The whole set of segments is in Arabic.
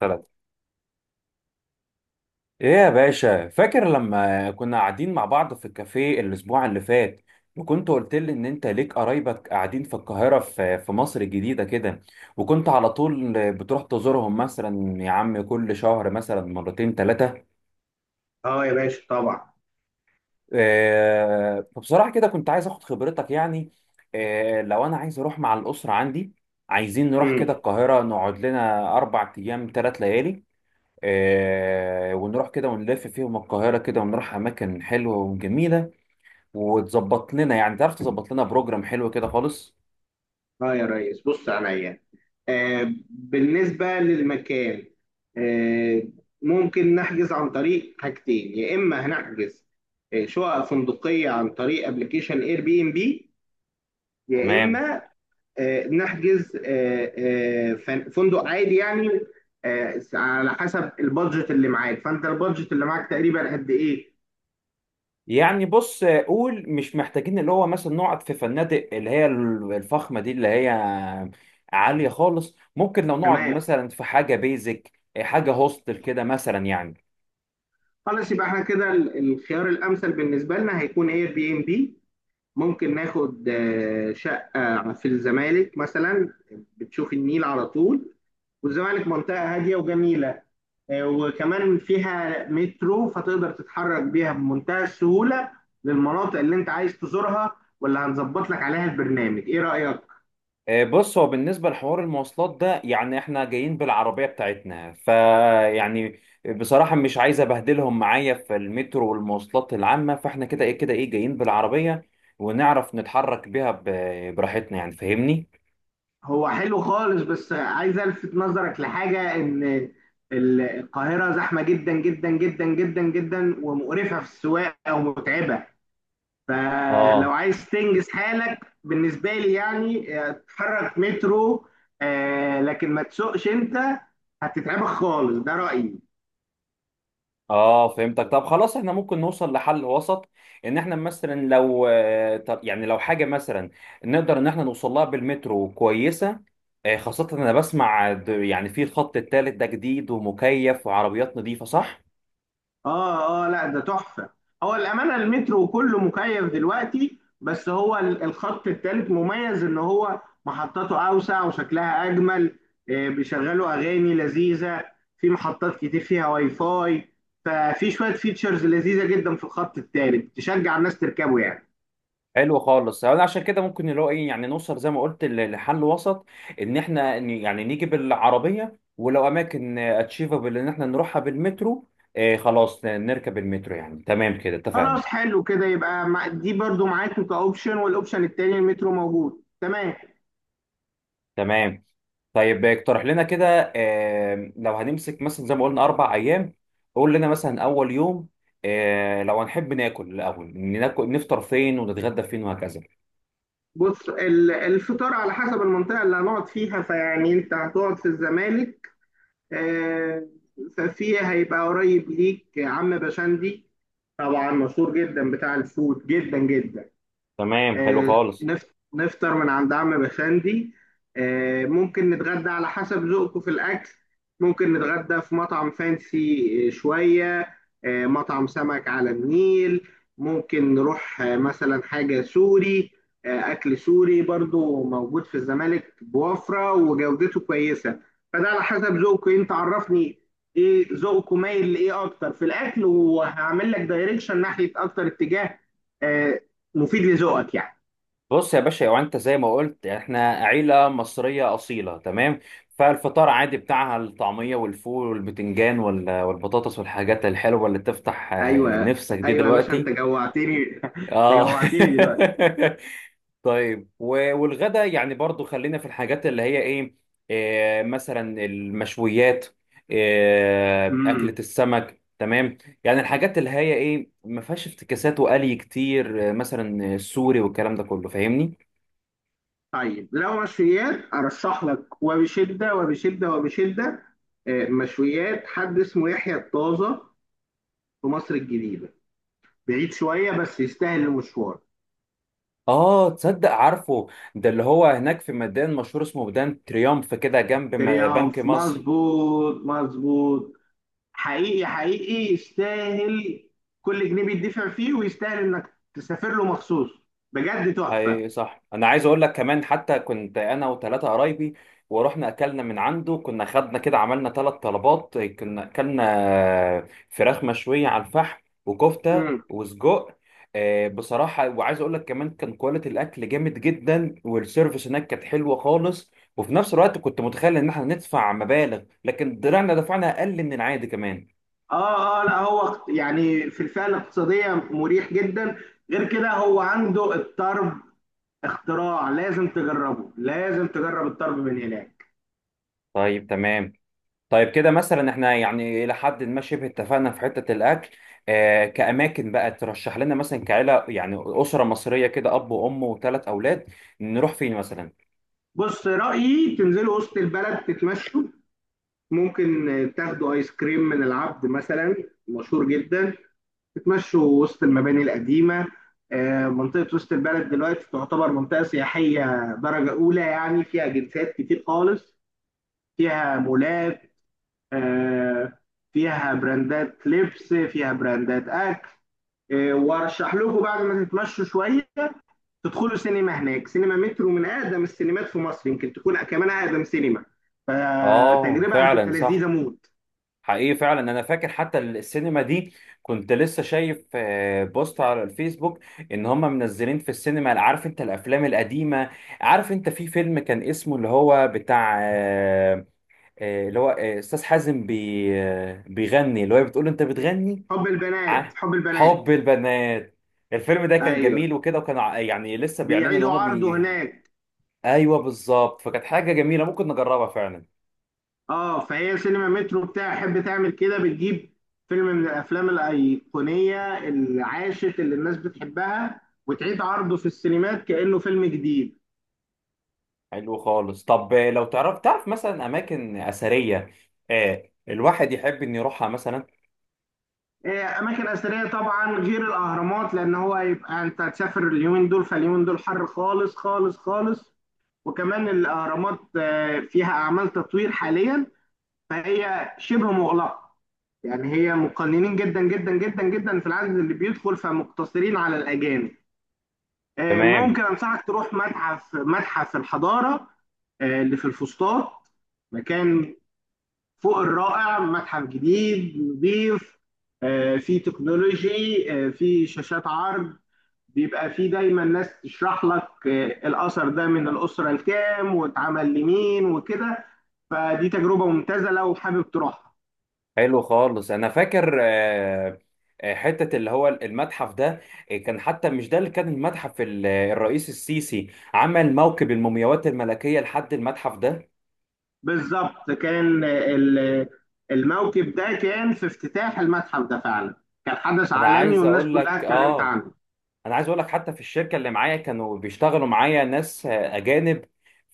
ثلاثة. ايه يا باشا، فاكر لما كنا قاعدين مع بعض في الكافيه الاسبوع اللي فات؟ وكنت قلت لي ان انت ليك قرايبك قاعدين في القاهرة، في مصر الجديدة كده. وكنت على طول بتروح تزورهم، مثلا يا عم كل شهر مثلا مرتين ثلاثة. اه يا باشا، طبعا. فبصراحة كده كنت عايز اخد خبرتك يعني. لو انا عايز اروح مع الاسرة عندي، عايزين نروح امم. كده القاهرة، نقعد لنا 4 ايام 3 ليالي. ونروح كده ونلف فيهم القاهرة كده، ونروح أماكن حلوة وجميلة. وتظبط لنا، يعني تعرف تظبط لنا بروجرام حلو كده خالص. اه يا ريس، بص عليا. بالنسبة للمكان، آه ممكن نحجز عن طريق حاجتين. يا إما هنحجز شقق فندقية عن طريق ابلكيشن Airbnb، يا تمام. إما نحجز فندق عادي يعني. على حسب البادجت اللي معاك، فأنت البادجت اللي معاك تقريبا قد إيه؟ يعني بص، قول مش محتاجين اللي هو مثلا نقعد في فنادق اللي هي الفخمة دي اللي هي عالية خالص، ممكن لو نقعد تمام. مثلا في حاجة بيزك، حاجة هوستل كده مثلا يعني. خلاص، يبقى احنا كده الخيار الأمثل بالنسبة لنا هيكون Airbnb. ممكن ناخد شقة في الزمالك مثلا. بتشوف النيل على طول، والزمالك منطقة هادية وجميلة. وكمان فيها مترو، فتقدر تتحرك بيها بمنتهى السهولة للمناطق اللي انت عايز تزورها، واللي هنظبط لك عليها البرنامج. ايه رأيك؟ بص، هو بالنسبة لحوار المواصلات ده، يعني احنا جايين بالعربية بتاعتنا، فيعني بصراحة مش عايز ابهدلهم معايا في المترو والمواصلات العامة، فاحنا كده ايه جايين بالعربية ونعرف نتحرك بيها براحتنا يعني، فاهمني؟ هو حلو خالص، بس عايز الفت نظرك لحاجة، ان القاهرة زحمة جدا جدا جدا جدا جدا ومقرفة في السواقة ومتعبة. فلو اه، عايز تنجز حالك بالنسبة لي، يعني اتحرك مترو، لكن ما تسوقش انت، هتتعبك خالص، ده رأيي. اه، فهمتك. طب خلاص احنا ممكن نوصل لحل وسط، ان احنا مثلا لو طب يعني لو حاجه مثلا نقدر ان احنا نوصل لها بالمترو كويسه. خاصه انا بسمع يعني في الخط الثالث ده جديد ومكيف وعربيات نظيفه، صح؟ اه، اه، لا، ده تحفة. هو الأمانة المترو كله مكيف دلوقتي، بس هو الخط التالت مميز ان هو محطاته أوسع وشكلها أجمل. بيشغلوا أغاني لذيذة، في محطات كتير فيها Wi-Fi. ففي شوية فيتشرز لذيذة جدا في الخط التالت تشجع الناس تركبه يعني. حلو خالص، انا عشان كده ممكن اللي هو ايه، يعني نوصل زي ما قلت لحل وسط، ان احنا يعني نيجي بالعربيه، ولو اماكن اتشيفابل ان احنا نروحها بالمترو. خلاص نركب المترو، يعني تمام كده اتفقنا. خلاص حلو كده، يبقى دي برضو معاك كأوبشن، والأوبشن التاني المترو موجود. تمام. تمام. طيب اقترح لنا كده، لو هنمسك مثلا زي ما قلنا 4 ايام، قول لنا مثلا اول يوم، لو هنحب ناكل، الاول ناكل نفطر فين ونتغدى فين وهكذا. بص الفطار على حسب المنطقة اللي هنقعد فيها، فيعني أنت هتقعد في الزمالك، آه، ففي هيبقى قريب ليك عم بشندي. طبعا مشهور جدا، بتاع الفود جدا جدا. تمام، حلو آه، خالص. نفطر من عند عم بشندي. ممكن نتغدى على حسب ذوقكم في الأكل. ممكن نتغدى في مطعم فانسي شوية، مطعم سمك على النيل. ممكن نروح مثلا حاجة سوري، أكل سوري برضو موجود في الزمالك بوفرة وجودته كويسة. فده على حسب ذوقك. أنت عرفني إيه ذوقك مايل لإيه أكتر في الأكل، وهعمل لك دايركشن ناحية أكتر اتجاه آه، مفيد لذوقك يعني. بص يا باشا، لو انت زي ما قلت احنا عيله مصريه اصيله، تمام. فالفطار عادي بتاعها الطعميه والفول والبتنجان والبطاطس والحاجات الحلوه اللي تفتح أيوه، نفسك دي أيوه يا باشا، أنت دلوقتي. جوعتني أنت اه. جوعتني دلوقتي. طيب، والغدا يعني برضو خلينا في الحاجات اللي هي ايه، مثلا المشويات، مم. اكلة السمك، تمام. يعني الحاجات اللي هي ايه ما فيهاش افتكاسات وقلي كتير، مثلا السوري والكلام ده كله، فاهمني؟ طيب لو مشويات، ارشح لك وبشده وبشده وبشده. مشويات، حد اسمه يحيى الطازه في مصر الجديده. بعيد شويه، بس يستاهل المشوار. اه، تصدق عارفه، ده اللي هو هناك في ميدان مشهور اسمه ميدان تريومف، كده جنب بنك تريومف، مصر. مظبوط مظبوط. حقيقي حقيقي يستاهل، كل جنيه بيدفع فيه ويستاهل انك تسافر له مخصوص. بجد تحفه. هي صح، انا عايز اقول لك كمان، حتى كنت انا وثلاثه قرايبي ورحنا اكلنا من عنده، كنا خدنا كده عملنا ثلاث طلبات، كنا اكلنا فراخ مشويه على الفحم وكفته مم. وسجق. بصراحه، وعايز اقول لك كمان، كان كواليتي الاكل جامد جدا، والسيرفيس هناك كانت حلوه خالص، وفي نفس الوقت كنت متخيل ان احنا ندفع مبالغ، لكن طلعنا دفعنا اقل من العادي كمان. اه، اه، لا، هو يعني في الفئه الاقتصاديه مريح جدا. غير كده هو عنده الطرب، اختراع، لازم تجربه، لازم تجرب الطرب من هناك. طيب، تمام. طيب كده مثلا احنا يعني الى حد ما شبه اتفقنا في حته الاكل. كاماكن بقى ترشح لنا مثلا كعيله، يعني اسره مصريه كده، اب وام وثلاث اولاد، نروح فين مثلا؟ بص، رأيي تنزلوا وسط البلد تتمشوا. ممكن تاخدوا ايس كريم من العبد مثلا، مشهور جدا. تتمشوا وسط المباني القديمة. منطقة وسط البلد دلوقتي تعتبر منطقة سياحية درجة أولى، يعني فيها جنسات كتير خالص، فيها مولات، آه، فيها براندات لبس، فيها براندات أكل. وأرشح لكم بعد ما تتمشوا شوية تدخلوا سينما هناك. سينما مترو من اقدم السينمات في مصر، يمكن تكون كمان اقدم سينما. اه، فتجربه هتبقى فعلا لذيذه صح. موت. حقيقي فعلا انا فاكر حتى السينما دي، كنت لسه شايف بوست على الفيسبوك ان هم منزلين في السينما، عارف انت الافلام القديمه. عارف انت في فيلم كان اسمه اللي هو بتاع اللي هو استاذ حازم بي آه، بيغني، اللي هو بتقول له انت بتغني. حب البنات، ع- حب البنات. حب البنات. الفيلم ده كان ايوه، جميل وكده، وكان يعني لسه بيعلنوا ان بيعيدوا هما عرضه بي هناك. ايوه، بالظبط، فكانت حاجه جميله ممكن نجربها فعلا. اه، فهي سينما مترو بتاع تحب تعمل كده، بتجيب فيلم من الافلام الايقونيه العاشت اللي الناس بتحبها، وتعيد عرضه في السينمات كانه فيلم جديد. حلو خالص. طب لو تعرف مثلا اماكن اثريه، الواحد يحب ان يروحها مثلا. إيه، اماكن اثريه طبعا غير الاهرامات، لان هو هيبقى انت هتسافر اليومين دول، فاليومين دول حر خالص خالص خالص. وكمان الاهرامات فيها اعمال تطوير حاليا، فهي شبه مغلقه. يعني هي مقننين جدا جدا جدا جدا في العدد اللي بيدخل، فمقتصرين على الاجانب. تمام، ممكن انصحك تروح متحف الحضاره، اللي في الفسطاط. مكان فوق الرائع، متحف جديد نظيف. فيه تكنولوجي، فيه شاشات عرض. بيبقى فيه دايما ناس تشرح لك الأثر ده من الأسرة الكام واتعمل لمين وكده. فدي تجربة ممتازة لو حابب تروحها. حلو خالص. انا فاكر حته اللي هو المتحف ده، كان حتى مش ده، اللي كان المتحف الرئيس السيسي عمل موكب المومياوات الملكيه لحد المتحف ده. بالظبط كان الموكب ده كان في افتتاح المتحف ده فعلا. كان حدث انا عالمي، عايز والناس اقول كلها لك اتكلمت اه عنه. انا عايز اقول لك حتى في الشركه اللي معايا كانوا بيشتغلوا معايا ناس اجانب،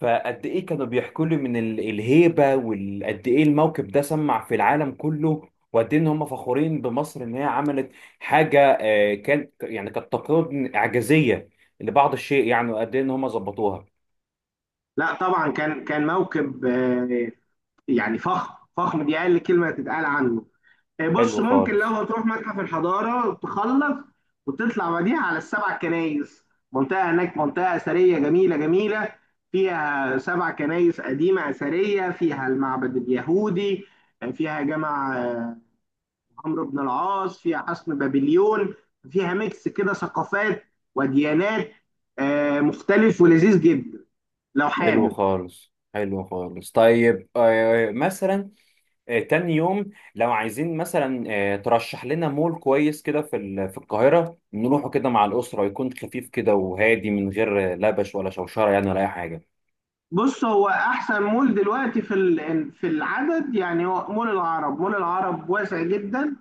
فقد ايه كانوا بيحكوا لي من الهيبه، وقد ايه الموقف ده سمع في العالم كله، وقد ايه ان هم فخورين بمصر ان هي عملت حاجه، كان يعني كانت تقريبا اعجازيه لبعض الشيء، يعني وقد ايه ان هم ظبطوها. لا طبعا، كان موكب يعني فخم فخم، دي أقل كلمة تتقال عنه. بص، حلو ممكن لو خالص، هتروح متحف الحضارة تخلص وتطلع بعديها على السبع كنايس. منطقة هناك، منطقة أثرية جميلة جميلة، فيها سبع كنايس قديمة أثرية، فيها المعبد اليهودي، فيها جامع عمرو بن العاص، فيها حصن بابليون. فيها ميكس كده ثقافات وديانات مختلف ولذيذ جدا لو حلو حابب. خالص، حلو خالص. طيب مثلا، تاني يوم لو عايزين مثلا، ترشح لنا مول كويس كده في القاهرة، نروحه كده مع الأسرة، يكون خفيف كده وهادي، من غير لبش ولا شوشرة يعني ولا أي حاجة. بص هو احسن مول دلوقتي في في العدد يعني، هو مول العرب. مول العرب واسع جدا،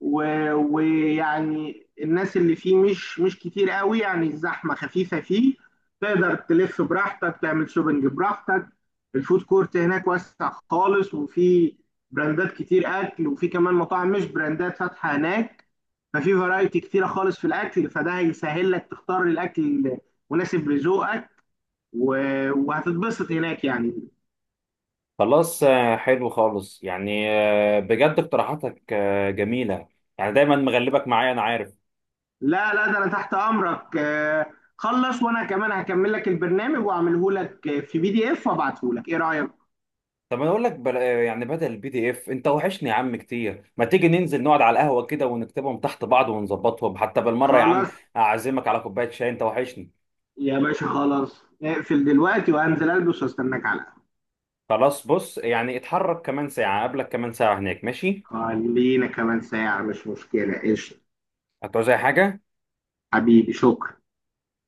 ويعني الناس اللي فيه مش كتير قوي، يعني الزحمة خفيفة فيه. تقدر تلف براحتك، تعمل شوبنج براحتك. الفود كورت هناك واسع خالص، وفي براندات كتير أكل، وفي كمان مطاعم مش براندات فاتحة هناك. ففي فرايتي كتيرة خالص في الأكل، فده هيسهل لك تختار الأكل المناسب لذوقك، وهتتبسط هناك يعني. خلاص، حلو خالص يعني، بجد اقتراحاتك جميلة. يعني دايما مغلبك معايا، أنا عارف. لا، لا، ده انا تحت امرك. خلص، وانا كمان هكمل لك البرنامج واعمله لك في PDF وابعته لك. ايه رايك؟ طب أنا أقول لك بل... آه، يعني بدل الـPDF، أنت وحشني يا عم كتير، ما تيجي ننزل نقعد على القهوة كده ونكتبهم تحت بعض ونظبطهم حتى بالمرة يا عم؟ خلاص. أعزمك على كوباية شاي، أنت وحشني. يا باشا، خلاص، اقفل دلوقتي وانزل البس واستناك على القهوة. خلاص، بص يعني اتحرك كمان ساعة قبلك، كمان ساعة هناك، ماشي؟ خلينا كمان ساعة، مش مشكلة، قشطة. هتعوز أي حاجة؟ حبيبي، شكرا.